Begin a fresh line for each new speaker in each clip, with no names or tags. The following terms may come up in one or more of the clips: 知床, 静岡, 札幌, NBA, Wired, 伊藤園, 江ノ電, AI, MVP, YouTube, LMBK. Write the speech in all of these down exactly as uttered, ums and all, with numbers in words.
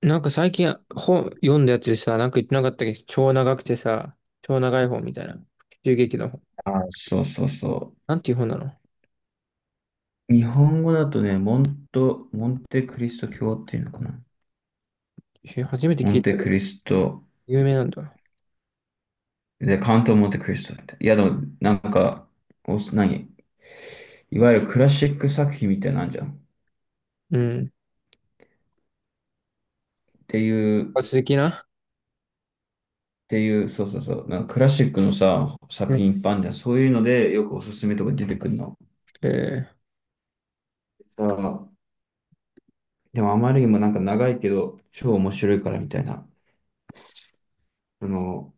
なんか最近本読んだやつでさ、なんか言ってなかったっけど、超長くてさ、超長い本みたいな。中劇の本。
あ、そうそうそ
なんていう本なの？
う。日本語だとね、モント、モンテクリスト教っていうのかな。
え、初めて
モ
聞
ン
い
テ
たけど、
クリスト、
有名なんだ。
で、カントモンテクリストって。いや、でも、なんか、お、何いわゆるクラシック作品みたいなんじゃん。っ
うん。
ていう、っ
あ、鈴木な。
ていう、そうそうそう。なんかクラシックのさ、
う
作
ん。
品いっぱいあるじゃん。そういうので、よくおすすめとか出てくるの。
え
あでも、あまりにもなんか長いけど、超面白いからみたいな。その、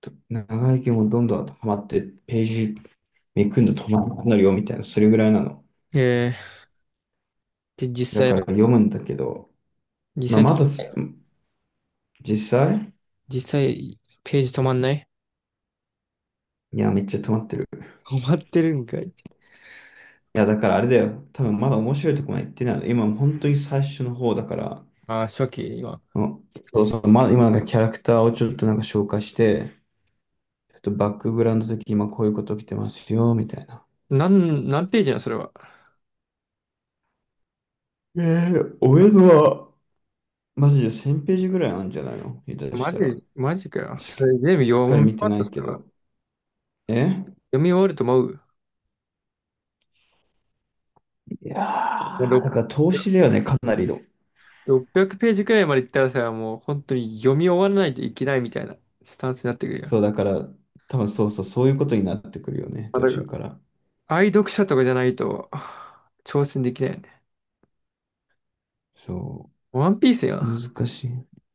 と長いけどどんどんハマって、ページめくんで止まらなくなるよみたいな、それぐらいなの。
ー、えー、で、実
だ
際
から
は、
読むんだけど、
実
まあ、
際、
まだ実際
実際、ページ止まんない？
いや、めっちゃ止まってる。
止まってるんかい。
いや、だからあれだよ。多分まだ面白いとこまで行ってないの。今、本当に最初の方だから、
あー、初期、今。
うん、そうそう、まあ、今なんかキャラクターをちょっとなんか紹介して、ちょっとバックグラウンド的に今こういうこと起きてますよ、みたいな。
なん、何ページなのそれは？
えー、俺のは、マジでせんページページぐらいあるんじゃないの下手し
マ
たら。
ジ、マジかよ。
し
それ全部
っ
読
かり
み終
見て
わっ
な
た、
い
そ
け
れは？
ど。え、
読み終わると思う。
いやー、だから投資だよね、かなりの。
ろっぴゃくページページくらいまで行ったらさ、もう本当に読み終わらないといけないみたいなスタンスになってくるよ。
そう、だから、多分そうそう、そういうことになってくるよね、
まあ、
途
だか
中から。
ら、愛読者とかじゃないと、はぁ挑戦できないよね。
そ
ワンピース
う、
よ。
難し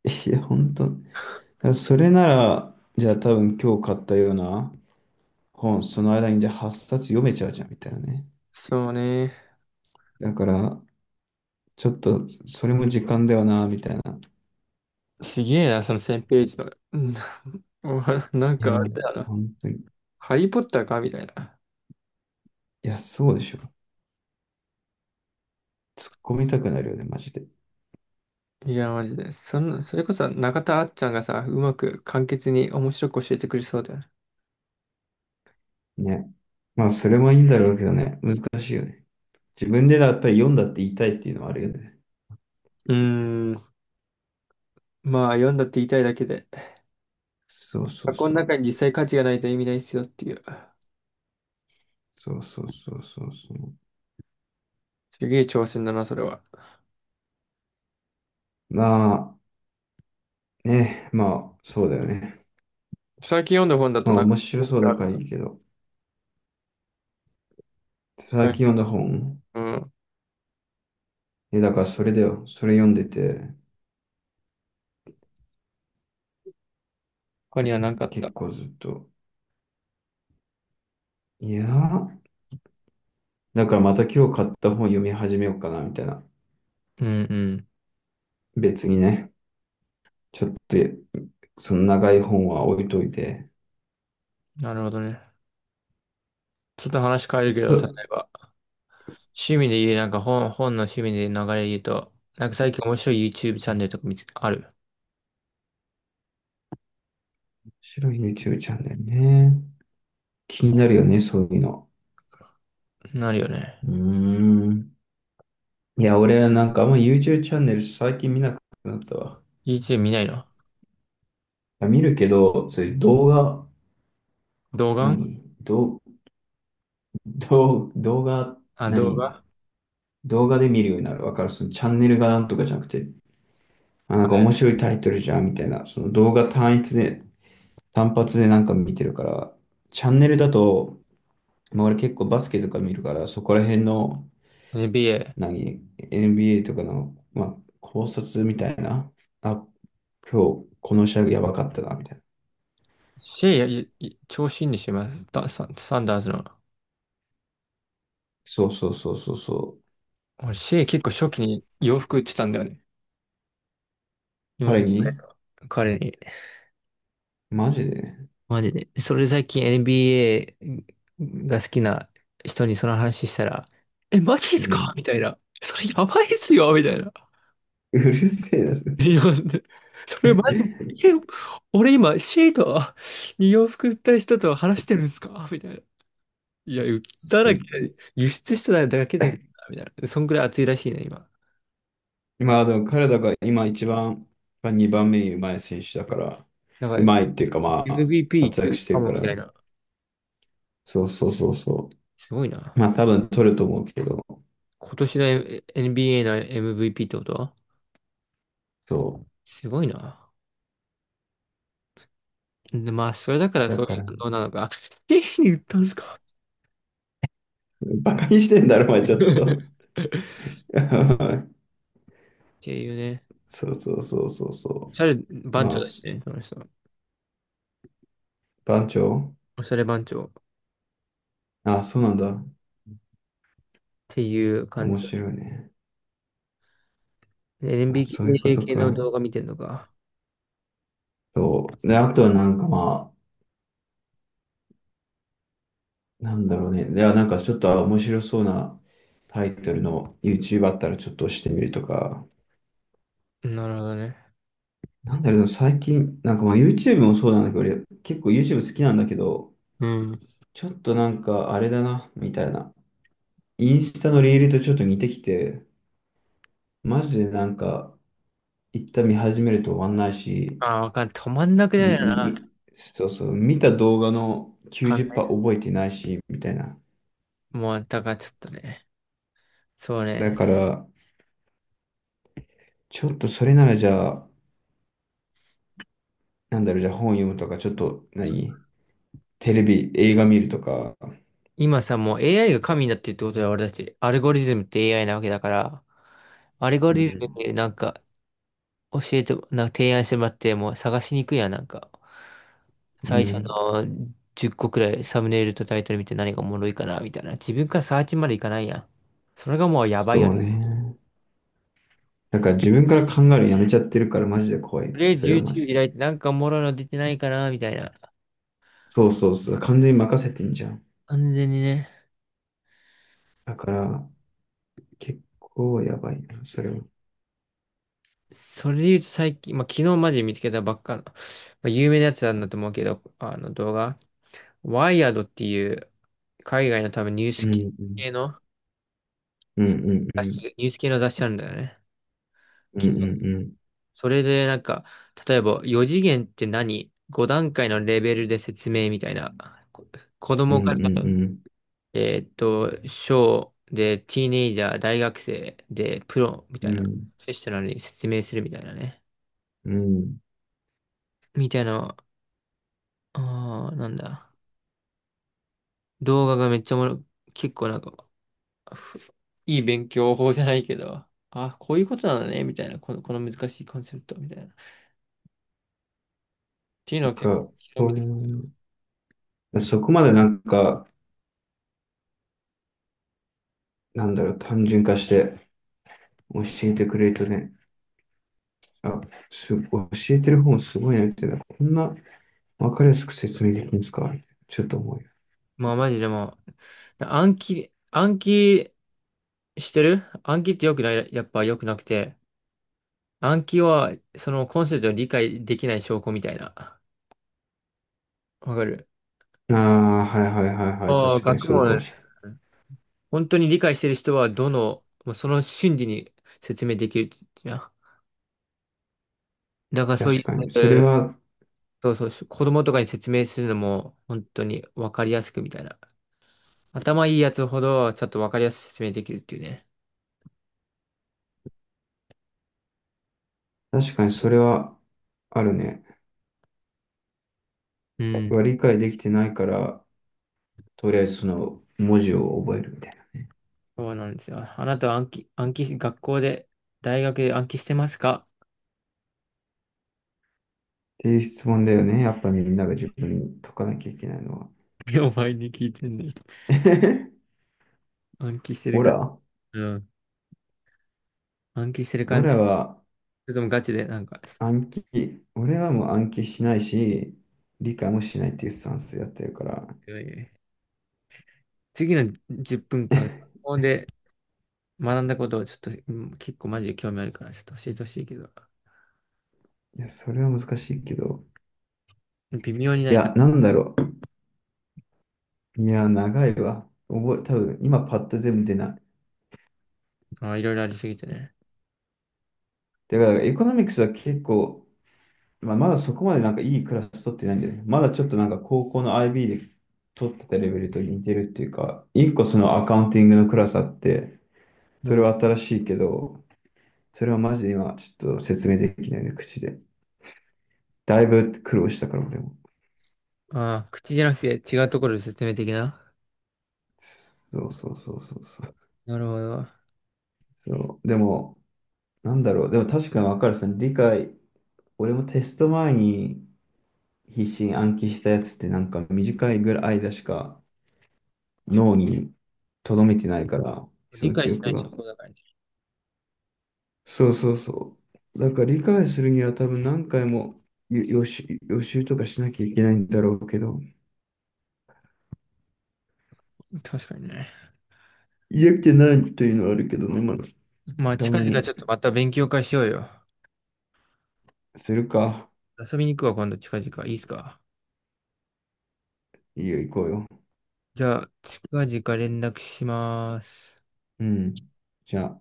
い。いや、本当。だからそれなら、じゃあ多分今日買ったような本、その間にじゃあはっさつ読めちゃうじゃん、みたいなね。
そうね。
だから、ちょっと、それも時間ではな、みたいな。
すげえな、そのせんページページの。うん。お、 なん
いや、
かあれだな。
本当に。い
ハリーポッターかみたいな。
や、そうでしょ。突っ込みたくなるよね、マジで。
いや、マジで。そんな、それこそ中田あっちゃんがさ、うまく簡潔に面白く教えてくれそうだよね。
ね。まあ、それもいいんだろうけどね、難しいよね。自分でだ、やっぱり読んだって言いたいっていうのはあるよね。
うーん。まあ、読んだって言いたいだけで。
そうそう
箱の
そう。
中に実際価値がないと意味ないっすよっていう。
そうそうそうそうそう。
すげえ挑戦だな、それは。
まあ、ね、まあ、そうだよね。
最近読んだ本だと
まあ、
なんか、
面白そうだからいいけど、最近読んだ本、
うん。
え、だからそれだよ。それ読んでて、
他にはなかっ
結
た。
構ずっと。いやー、だからまた今日買った本読み始めようかな、みたいな。
うんう
別にね、ちょっと、その長い本は置いといて。
ん。なるほどね。ちょっと話変えるけ
う
ど、例
ん、
えば、趣味で言う、なんか本、本の趣味で流れで言うと、なんか最近面白い YouTube チャンネルとか見つ、ある？
面白い YouTube チャンネルね。気になるよね、そういうの。
なるよね。
うーん。いや、俺はなんかあんま YouTube チャンネル最近見なくなったわ。
YouTube 見ないの？
見るけど、そういう動画、
動画？
何動、動、動画、
あ、動
何
画。
動画で見るようになる。わかるそのチャンネルがなんとかじゃなくて、あ、な
は
んか面
い。
白いタイトルじゃんみたいな。その動画単一で、単発でなんか見てるから、チャンネルだと、まあ、俺結構バスケとか見るから、そこら辺の、
エヌビーエー。
何 エヌビーエー とかの、まあ、考察みたいな。あ、今日、この試合やばかったな、みたいな。
シェイ、いい調子いいんでしょ、今、ダサンサンダースの。
そうそうそうそうそう。
俺、シェイ結構初期に洋服売ってたんだよね。洋
彼
服、
に
彼に。
マジで
マジで。それ最近 エヌビーエー が好きな人にその話したら、え、マジっ
う
すか
ん、
みたいな。それやばいっすよみたいな。
うるせえな、そいつ、
いや、それマジで、え、俺今シートに洋服売った人と話してるんですかみたいな。いや、売ったら、
す、
輸出しただけだけどなみたいな。そんくらい熱いらしいね、今。
まあでも彼らが今一番、まあにばんめにうまい選手だから、
なん
う
か
まいっていうかまあ、
エムブイピー い
活
け
躍
る
して
か
る
も
か
み
ら、
たいな。
そうそうそうそ
すごいな。
う。まあ多分取ると思うけど、
今年の エヌビーエー の エムブイピー ってことは
そ
すごいな。で、まあ、それだから
う。だ
そうい
か
う
ら、
反応なのか。経費に売ったんすか？
バカにしてんだろ、お前ち ょ
っ
っと。
ていうね。
そうそうそうそうそ
おしゃれ
う。
番
ま
長
あ、
だし
す、
ね、その人。
番長、
おしゃれ番長っ
あ、そうなんだ。
ていう感
面
じだ。
白いね。あ、そういうこ
エルエムビーケー
と
系の
か。
動画見てんのか？
そう。で、あとはなんかまあ、なんだろうね。では、なんかちょっと面白そうなタイトルの YouTube あったらちょっと押してみるとか。
なるほどね。
なんだろう、でも最近、なんかまあ YouTube もそうなんだけど、俺結構 YouTube 好きなんだけど、
うん。
ちょっとなんかあれだな、みたいな。インスタのリールとちょっと似てきて、マジでなんか一旦見始めると終わんないし、
ああ、わかんない、止まんなくな
み、
るよな。
みそうそう、見た動画の
考
きゅうじゅっパーセント覚えてないし、みたいな。
えもう、だからちょっとね。そう
だ
ね。
から、ちょっとそれならじゃあ、なんだろう、じゃあ本読むとか、ちょっと何、テレビ、映画見るとか、
今さ、もう エーアイ が神になってるってことだよ、俺たち。アルゴリズムって エーアイ なわけだから、アルゴ
う
リズム
ん、
でなんか教えて、なんか提案してもらって、もう探しにくいやん、なんか。
う
最初
ん、
のじゅっこくらいサムネイルとタイトル見て何がおもろいかなみたいな。自分からサーチまでいかないやん。それがもうやばいよ
そう
ね。
ね。なんか自分から考えるのやめちゃってるからマジで怖い。
とりあえ
そ
ず
れはマ
YouTube
ジで。
開いてなんかおもろいの出てないかなみたいな。
そうそうそう。完全に任せてんじゃん。
完全にね。
だから、結構やばいな、それは。
それで言うと最近、まあ、昨日まで見つけたばっかの、まあ、有名なやつなんだと思うけど、あの動画。ワイヤードっていう海外の多分ニュー
う
ス
ん、う
系
ん、
の
うん、うん、う
雑
ん、
誌、ニュース系の雑誌あるんだよね。
うん、うん、うん、
それでなんか、例えばよじげん次元って何？ ごだんかい 段階のレベルで説明みたいな。こ子
う
供から、
ん、
えーっと、小で、ティーネイジャー、大学生で、プロみ
う
た
ん、
い
う
な。
ん。
セッショナルに説明するみたいなね。
うん、
みたいな、あーなんだ。動画がめっちゃおもろ、結構なんか、ふいい勉強法じゃないけど、あ、こういうことなのね、みたいな。この、この難しいコンセプトみたいな。っていうの
なん
を結
か、
構、
そういうの、そこまでなんか、なんだろう、単純化して教えてくれるとね、あ、す、教えてる方もすごいなみたいな、こんなわかりやすく説明できるんですかちょっと思うよ。
まあマジでもう、暗記、暗記してる暗記ってよくない、やっぱ良くなくて、暗記はそのコンセプトを理解できない証拠みたいな。わかる？
ああ、はいはいはいはい。
ああ、
確かに
学
そうか
問、
もしれ
本当に理解してる人はどの、もうその瞬時に説明できるじゃん。だから
な
そ
い。
う
確
い
かに。それ
う、
は、
そうそう、子供とかに説明するのも本当にわかりやすくみたいな。頭いいやつほどちょっとわかりやすく説明できるっていうね。
確かにそれはあるね。
うん。
は理解できてないから、とりあえずその文字を覚えるみたいな。っ
そうなんですよ。あなたは暗記、暗記学校で、大学で暗記してますか？
ていう質問だよね。やっぱみんなが自分に解かなきゃいけないのは。
お前に聞いてんねん。暗記してる
オ
か、
ラ、
うん。暗記してる
オ
感じ。
ラ
そ
は
れともガチで、なんか、
暗記、俺はもう暗記しないし、理解もしないっていうスタンスでやってるから。
いやいや次のじゅっぷんかん、学 校で学んだことをちょっと、うん結構マジで興味あるから、ちょっと教えてほしいけど、
いや、それは難しいけど。
微妙にな
い
いか、
や、なんだろう。いや、長いわ。覚え、多分今パッと全部出ない。
あ、いろいろありすぎてね。
だから、エコノミクスは結構、まあ、まだそこまでなんかいいクラス取ってないんだよね。まだちょっとなんか高校の アイビー で取ってたレベルと似てるっていうか、一個そのアカウンティングのクラスあって、
う
それ
ん。
は新しいけど、それはマジで今ちょっと説明できないね、口で。だいぶ苦労したから、俺も。
ああ、口じゃなくて違うところで説明的な。
そうそうそうそうそう。
なるほど。
そう。でも、なんだろう。でも確かにわかる。その理解、俺もテスト前に、必死に暗記したやつってなんか短いぐらい間しか脳に留めてないから、そ
理
の
解
記
しな
憶
い証
が。
拠だからね。
そうそうそう。だから理解するには多分何回も予予習、予習とかしなきゃいけないんだろうけど、
確かにね。
嫌気ないというのはあるけどね、まあ、
まあ、
た
近
ま
々
に
ちょっとまた勉強会しようよ。
するか。
遊びに行くわ、今度、近々。いいっすか？
いいよ、行こうよ。
じゃあ、近々連絡します。
うん。じゃあ。